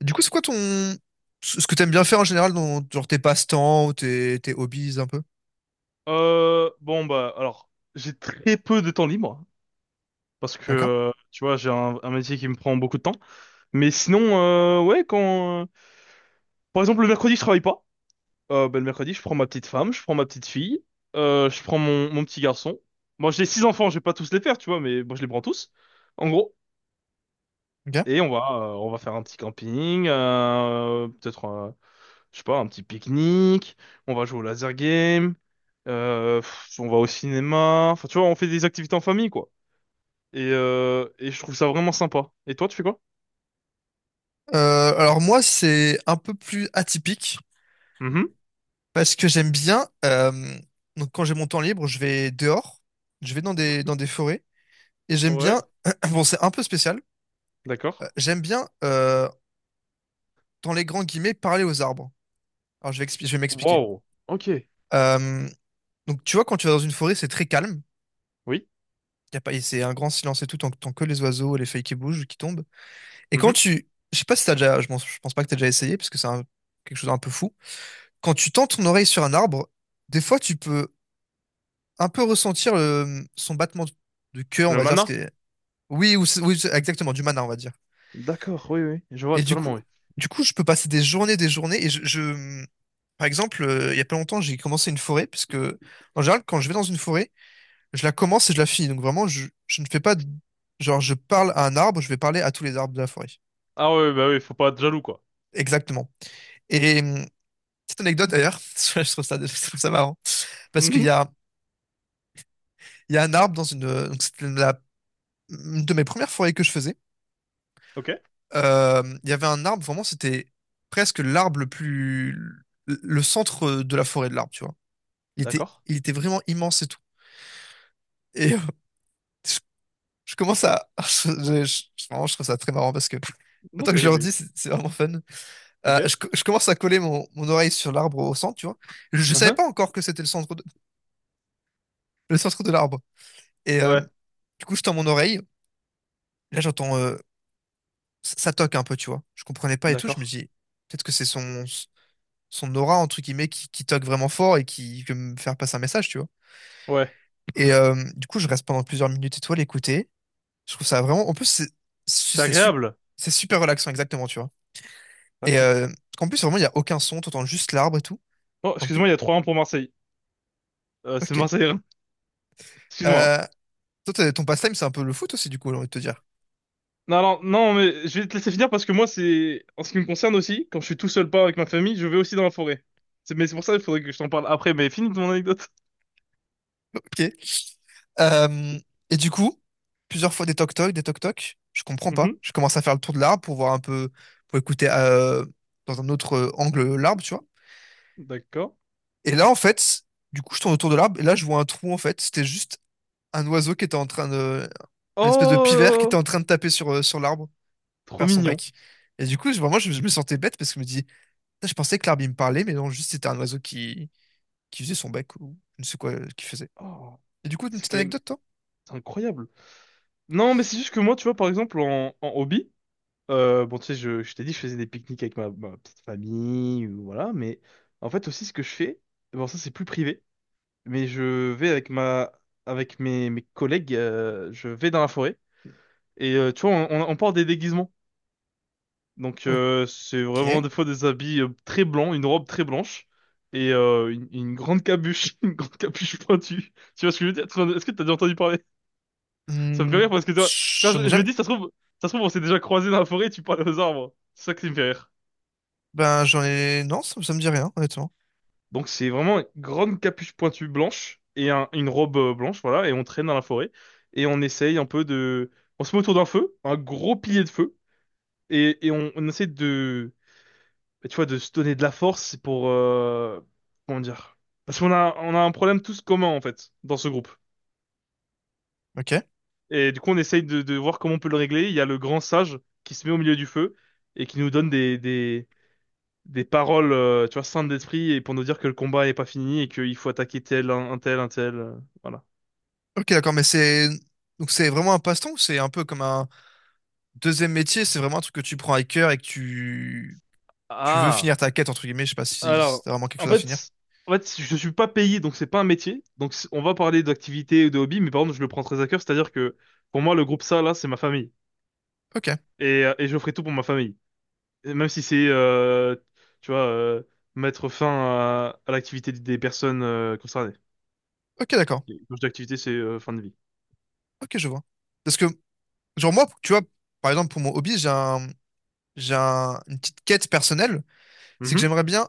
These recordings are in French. Du coup, c'est quoi ton... ce que t'aimes bien faire en général dans genre tes passe-temps ou tes hobbies un peu? Bon bah alors j'ai très peu de temps libre parce que D'accord? Tu vois j'ai un métier qui me prend beaucoup de temps. Mais sinon ouais quand par exemple le mercredi je travaille pas. Bah, le mercredi je prends ma petite femme, je prends ma petite fille, je prends mon petit garçon. Moi j'ai six enfants, je vais pas tous les faire tu vois mais moi je les prends tous en gros. Ok. Et on va on va faire un petit camping, peut-être je sais pas un petit pique-nique, on va jouer au laser game, on va au cinéma. Enfin tu vois on fait des activités en famille quoi. Et je trouve ça vraiment sympa. Et toi, tu fais quoi? Alors moi, c'est un peu plus atypique. Mhm. Parce que j'aime bien, donc quand j'ai mon temps libre, je vais dehors, je vais dans dans des forêts, et j'aime bien, Ouais, bon c'est un peu spécial, d'accord. J'aime bien, dans les grands guillemets, parler aux arbres. Alors je vais, je vais m'expliquer. Wow. Ok. Euh, donc tu vois, quand tu vas dans une forêt, c'est très calme, Oui. y a pas, et c'est un grand silence et tout, tant que les oiseaux et les feuilles qui bougent, qui tombent. Et quand Mhm. tu, je sais pas si t'as déjà, je pense pas que t'as déjà essayé, parce que quelque chose d'un peu fou, quand tu tends ton oreille sur un arbre, des fois tu peux un peu ressentir son battement de cœur, on Le va dire, ce qui mana? est... Oui, ou, oui, exactement, du mana, on va dire. D'accord, oui, oui. Je vois Et totalement, oui. du coup, je peux passer des journées, des journées. Et je. Par exemple, il y a pas longtemps, j'ai commencé une forêt, parce que en général, quand je vais dans une forêt, je la commence et je la finis. Donc vraiment, je ne fais pas, de- genre, je parle à un arbre, je vais parler à tous les arbres de la forêt. Ah ouais bah oui, faut pas être jaloux, quoi. Exactement. Et petite anecdote d'ailleurs, je trouve ça marrant, parce qu'il Mhm. y a, il y a un arbre dans une, donc une de mes premières forêts que je faisais. Ok, Il y avait un arbre, vraiment, c'était presque l'arbre le plus. Le centre de la forêt de l'arbre, tu vois. D'accord. Il était vraiment immense et tout. Et je, je commence à. Je- vraiment, je trouve ça très marrant parce que. Non, Attends que je t'inquiète, leur dis, t'inquiète. C'est vraiment fun. Ok. Je, je commence à coller mon, mon oreille sur l'arbre au centre, tu vois. Je savais Mhm. pas encore que c'était le centre de l'arbre. Et Ouais, du coup, je tends mon oreille. Là, j'entends. Ça toque un peu, tu vois. Je comprenais pas et tout. Je me d'accord. dis, peut-être que c'est son. Son aura entre guillemets qui toque vraiment fort et qui peut me faire passer un message, tu vois. Ouais. Et du coup je reste pendant plusieurs minutes et toi l'écouter, je trouve ça vraiment, en plus c'est C'est c'est sup- agréable. c'est super relaxant, exactement, tu vois. Et D'accord. En plus vraiment il y a aucun son, t'entends juste l'arbre et tout, Oh, en excuse-moi, plus. il y a trois 1 pour Marseille. C'est Ok. Marseille, hein. Excuse-moi, hein. euh, Toi t'as- ton pastime c'est un peu le foot aussi, du coup j'ai envie de te dire. Non, alors, non, mais je vais te laisser finir parce que moi, c'est, en ce qui me concerne aussi, quand je suis tout seul pas avec ma famille, je vais aussi dans la forêt. C'est, mais c'est pour ça qu'il faudrait que je t'en parle après, mais finis ton anecdote. Ok. Euh, et du coup plusieurs fois des toc toc, des toc toc, je comprends pas, Mhm, je commence à faire le tour de l'arbre pour voir un peu, pour écouter dans un autre angle, l'arbre, tu vois. d'accord. Et là, en fait, du coup, je tourne autour de l'arbre et là, je vois un trou, en fait. C'était juste un oiseau qui était en train de. Une espèce de pivert qui était Oh, en train de taper sur, sur l'arbre, trop faire son mignon. bec. Et du coup, je- vraiment, je me sentais bête parce que je me dis, putain, je pensais que l'arbre, il me parlait, mais non, juste c'était un oiseau qui faisait son bec ou je ne sais quoi qu'il faisait. Oh, Et du coup, une c'est petite quand même anecdote, toi? c'est incroyable. Non, mais c'est juste que moi, tu vois, par exemple, en hobby, bon, tu sais, je t'ai dit, je faisais des pique-niques avec ma petite famille, ou voilà, mais en fait, aussi, ce que je fais, bon, ça, c'est plus privé, mais je vais avec mes collègues, je vais dans la forêt. Et tu vois, on porte des déguisements. Donc c'est vraiment Ok. des fois des habits très blancs, une robe très blanche et une grande capuche, une grande capuche pointue. Tu vois ce que je veux dire? Est-ce que t'as déjà entendu parler? Ça me fait Hmm, rire parce que tu vois, quand j'en ai je me jamais. dis, ça se trouve, on s'est déjà croisés dans la forêt, et tu parles aux arbres. C'est ça qui me fait rire. Ben, j'en ai. Non, ça me dit rien, honnêtement. Donc c'est vraiment une grande capuche pointue blanche et une robe blanche, voilà, et on traîne dans la forêt et on essaye un peu de, on se met autour d'un feu, un gros pilier de feu et on essaie de mais tu vois, de se donner de la force pour... comment dire? Parce on a un problème tous commun, en fait, dans ce groupe. Ok. Et du coup, on essaye de voir comment on peut le régler. Il y a le grand sage qui se met au milieu du feu et qui nous donne des paroles, tu vois, saintes d'esprit et pour nous dire que le combat n'est pas fini et qu'il faut attaquer tel, un tel, un tel, voilà. Ok, d'accord, mais c'est. Donc, c'est vraiment un passe-temps ou c'est un peu comme un. Deuxième métier, c'est vraiment un truc que tu prends à cœur et que tu veux Ah! finir ta quête, entre guillemets. Je sais pas si Alors, c'est vraiment quelque en chose à finir. fait... En fait, je suis pas payé, donc c'est pas un métier. Donc on va parler d'activité ou de hobby, mais par contre, je le prends très à cœur. C'est-à-dire que pour moi, le groupe ça, là, c'est ma famille. Ok, Et je ferai tout pour ma famille. Et même si tu vois, mettre fin à l'activité des personnes concernées. ok, d'accord. Et quand je dis activité, c'est fin de vie. Ok, je vois. Parce que, genre, moi, tu vois, par exemple, pour mon hobby, j'ai un- une petite quête personnelle. C'est que Mhm. j'aimerais bien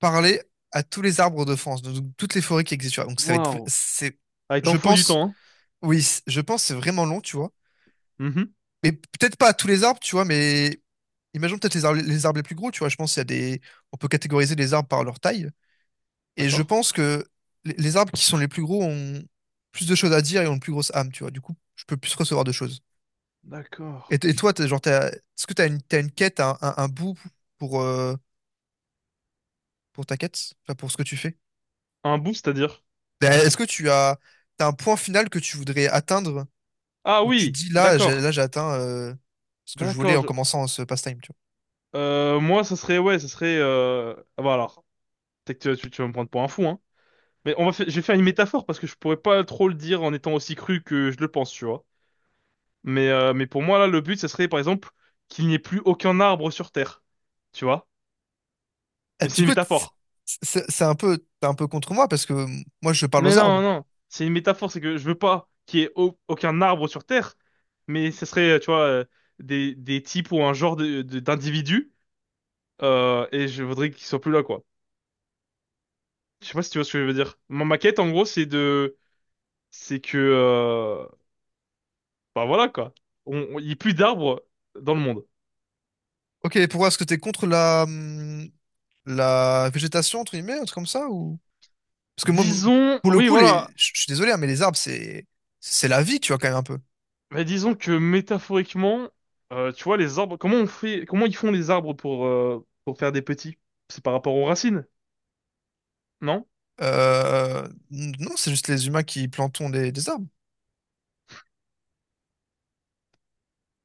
parler à tous les arbres de France, donc toutes les forêts qui existent, tu vois. Donc, ça va être, vr- Waouh. c'est, Ah, il t'en je faut du pense, temps, oui, c- je pense que c'est vraiment long, tu vois. hein. Mhm. Mais peut-être pas à tous les arbres, tu vois, mais imaginons peut-être les arbres, les arbres les plus gros, tu vois. Je pense qu'il y a des, on peut catégoriser les arbres par leur taille. Et je D'accord. pense que les arbres qui sont les plus gros ont plus de choses à dire et ont une plus grosse âme, tu vois. Du coup, je peux plus recevoir de choses. D'accord. Et, t- et toi, t'as- genre, t'as- est-ce que tu as une, t'as une quête, un bout pour, euh, pour ta quête? Enfin, pour ce que tu fais? Un bout, c'est-à-dire? Ben, est-ce que tu as, t'as un point final que tu voudrais atteindre Ah où tu te oui, dis d'accord. là, j'ai atteint ce que je voulais D'accord. en commençant ce pastime, tu vois? Moi, ça serait, ouais, ça serait. Ah, bah alors, peut-être que tu vas me prendre pour un fou, hein. Mais on va faire, je vais faire une métaphore parce que je pourrais pas trop le dire en étant aussi cru que je le pense, tu vois. Mais pour moi, là, le but, ce serait, par exemple, qu'il n'y ait plus aucun arbre sur Terre. Tu vois? Ah, Mais c'est du une coup, t- métaphore. C'est un peu, t'es un peu contre moi parce que moi, je parle Mais aux non, arbres. non, c'est une métaphore, c'est que je veux pas qu'il y ait aucun arbre sur Terre, mais ce serait, tu vois, des types ou un genre de, d'individus, et je voudrais qu'ils soient plus là, quoi. Je sais pas si tu vois ce que je veux dire. Ma maquette, en gros, c'est de... C'est que... Bah voilà, quoi. Il n'y a plus d'arbres dans le monde. Ok, pourquoi est-ce que t'es contre la, la végétation, entre guillemets, un truc comme ça, ou... Parce que moi, m- Disons... pour le Oui, coup, les... voilà. Je suis désolé, hein, mais les arbres, c'est la vie, tu vois, quand même un peu. Mais disons que métaphoriquement, tu vois, les arbres, comment on fait, comment ils font les arbres pour faire des petits? C'est par rapport aux racines, non? Non, c'est juste les humains qui plantons des arbres.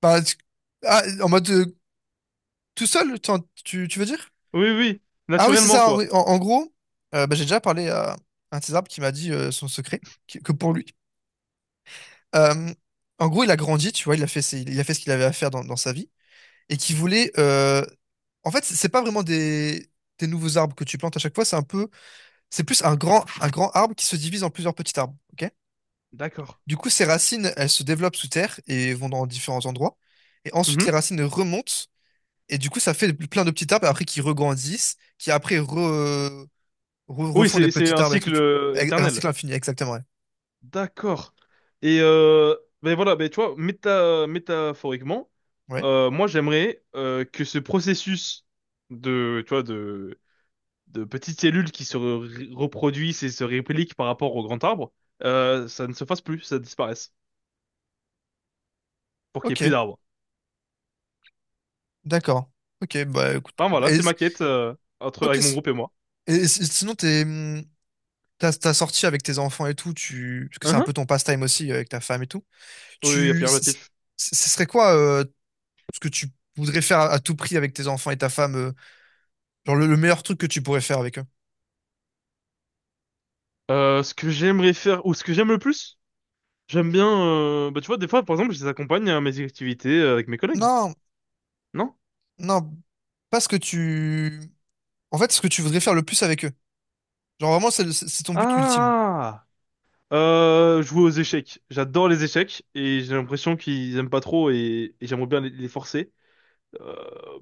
Bah, tu- ah, en mode tout seul, t'en- tu veux dire? Oui, oui, Ah oui, c'est naturellement, ça. quoi. Oui. En, en gros, bah, j'ai déjà parlé à un de ces arbres qui m'a dit son secret, qui- que pour lui. Euh, En gros, il a grandi, tu vois, il a fait, ses- il a fait ce qu'il avait à faire dans, dans sa vie et qui voulait. En fait, c'est pas vraiment des nouveaux arbres que tu plantes à chaque fois, c'est un peu, c'est plus un grand arbre qui se divise en plusieurs petits arbres. Ok, D'accord. du coup, ses racines, elles se développent sous terre et vont dans différents endroits. Et ensuite, Mhm. les racines remontent et du coup, ça fait plein de petits arbres après qui regrandissent, qui après re Re- Oui, refont des c'est petits un arbres et tout. cycle Tu- ex- un éternel. cycle infini, exactement. Ouais. D'accord. Et ben voilà, ben tu vois, métaphoriquement, Ouais. Moi j'aimerais que ce processus de, tu vois, de petites cellules qui se reproduisent et se répliquent par rapport au grand arbre, ça ne se fasse plus, ça disparaisse, pour qu'il y ait plus Ok. d'arbres. D'accord. Ok. Bah écoute. Enfin Pourquoi pas. voilà, Et, c'est ma quête entre ok. avec mon S- groupe et moi. et, s- sinon, t'es, t'as, t'as sorti avec tes enfants et tout. Tu, parce que c'est Hein, un hein. peu ton pastime aussi avec ta femme et tout. Oui, oui, Tu, c- c- affirmatif. ce serait quoi ce que tu voudrais faire à tout prix avec tes enfants et ta femme? Genre le meilleur truc que tu pourrais faire avec eux? Ce que j'aimerais faire ou ce que j'aime le plus, j'aime bien. Bah tu vois, des fois, par exemple, je les accompagne à mes activités avec mes collègues. Non, Non? non. Pas ce que tu. En fait, ce que tu voudrais faire le plus avec eux. Genre vraiment, c'est le- c'est ton but ultime. Ah! Jouer aux échecs. J'adore les échecs et j'ai l'impression qu'ils aiment pas trop et j'aimerais bien les forcer.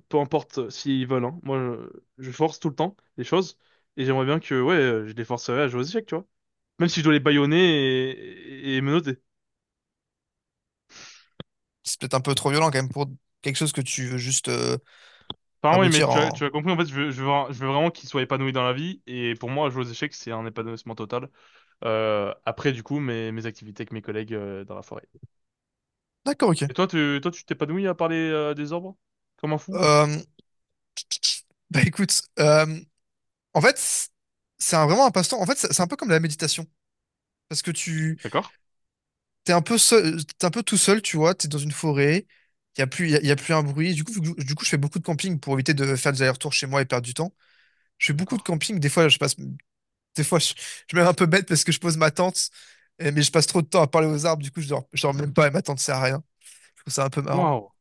Peu importe s'ils veulent, hein. Moi, je force tout le temps les choses et j'aimerais bien que ouais, je les forcerais à jouer aux échecs, tu vois. Même si je dois les bâillonner et menotter. C'est peut-être un peu trop violent quand même pour quelque chose que tu veux juste Enfin, oui, mais aboutir tu en... as compris, en fait, je veux vraiment qu'il soit épanoui dans la vie. Et pour moi, jouer aux échecs, c'est un épanouissement total. Après, du coup, mes activités avec mes collègues dans la forêt. D'accord, ok. Et toi, toi, tu t'épanouis à parler des arbres? Comme un fou? bah écoute, en fait, c'est un- vraiment un passe-temps. En fait, c'est un peu comme la méditation. Parce que tu... D'accord, t'es un peu seul, t'es un peu tout seul, tu vois, t'es dans une forêt, il y a plus, y a, y a plus un bruit. Du coup, vu que je- du coup, je fais beaucoup de camping pour éviter de faire des allers-retours chez moi et perdre du temps. Je fais beaucoup de d'accord. camping. Des fois, je passe, des fois, je me mets un peu bête parce que je pose ma tente, et- mais je passe trop de temps à parler aux arbres. Du coup, je dors même pas et ma tente sert à rien. Je trouve ça un peu marrant. Waouh.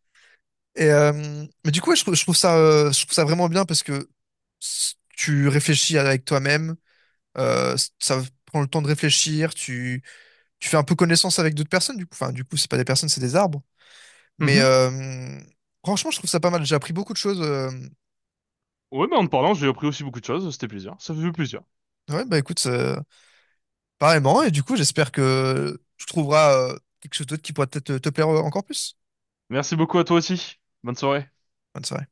Et mais du coup, ouais, je trouve ça vraiment bien parce que s- tu réfléchis avec toi-même. S- ça prend le temps de réfléchir. Tu fais un peu connaissance avec d'autres personnes. Du coup, enfin, du coup, c'est pas des personnes, c'est des arbres. Mais Mhm. Franchement, je trouve ça pas mal. J'ai appris beaucoup de choses. Ouais, mais en te parlant, j'ai appris aussi beaucoup de choses. C'était plaisir. Ça fait plaisir. Ouais, bah écoute, pareillement. Et du coup, j'espère que tu trouveras quelque chose d'autre qui pourra peut-être te te plaire encore plus. Merci beaucoup à toi aussi. Bonne soirée. Bonne soirée.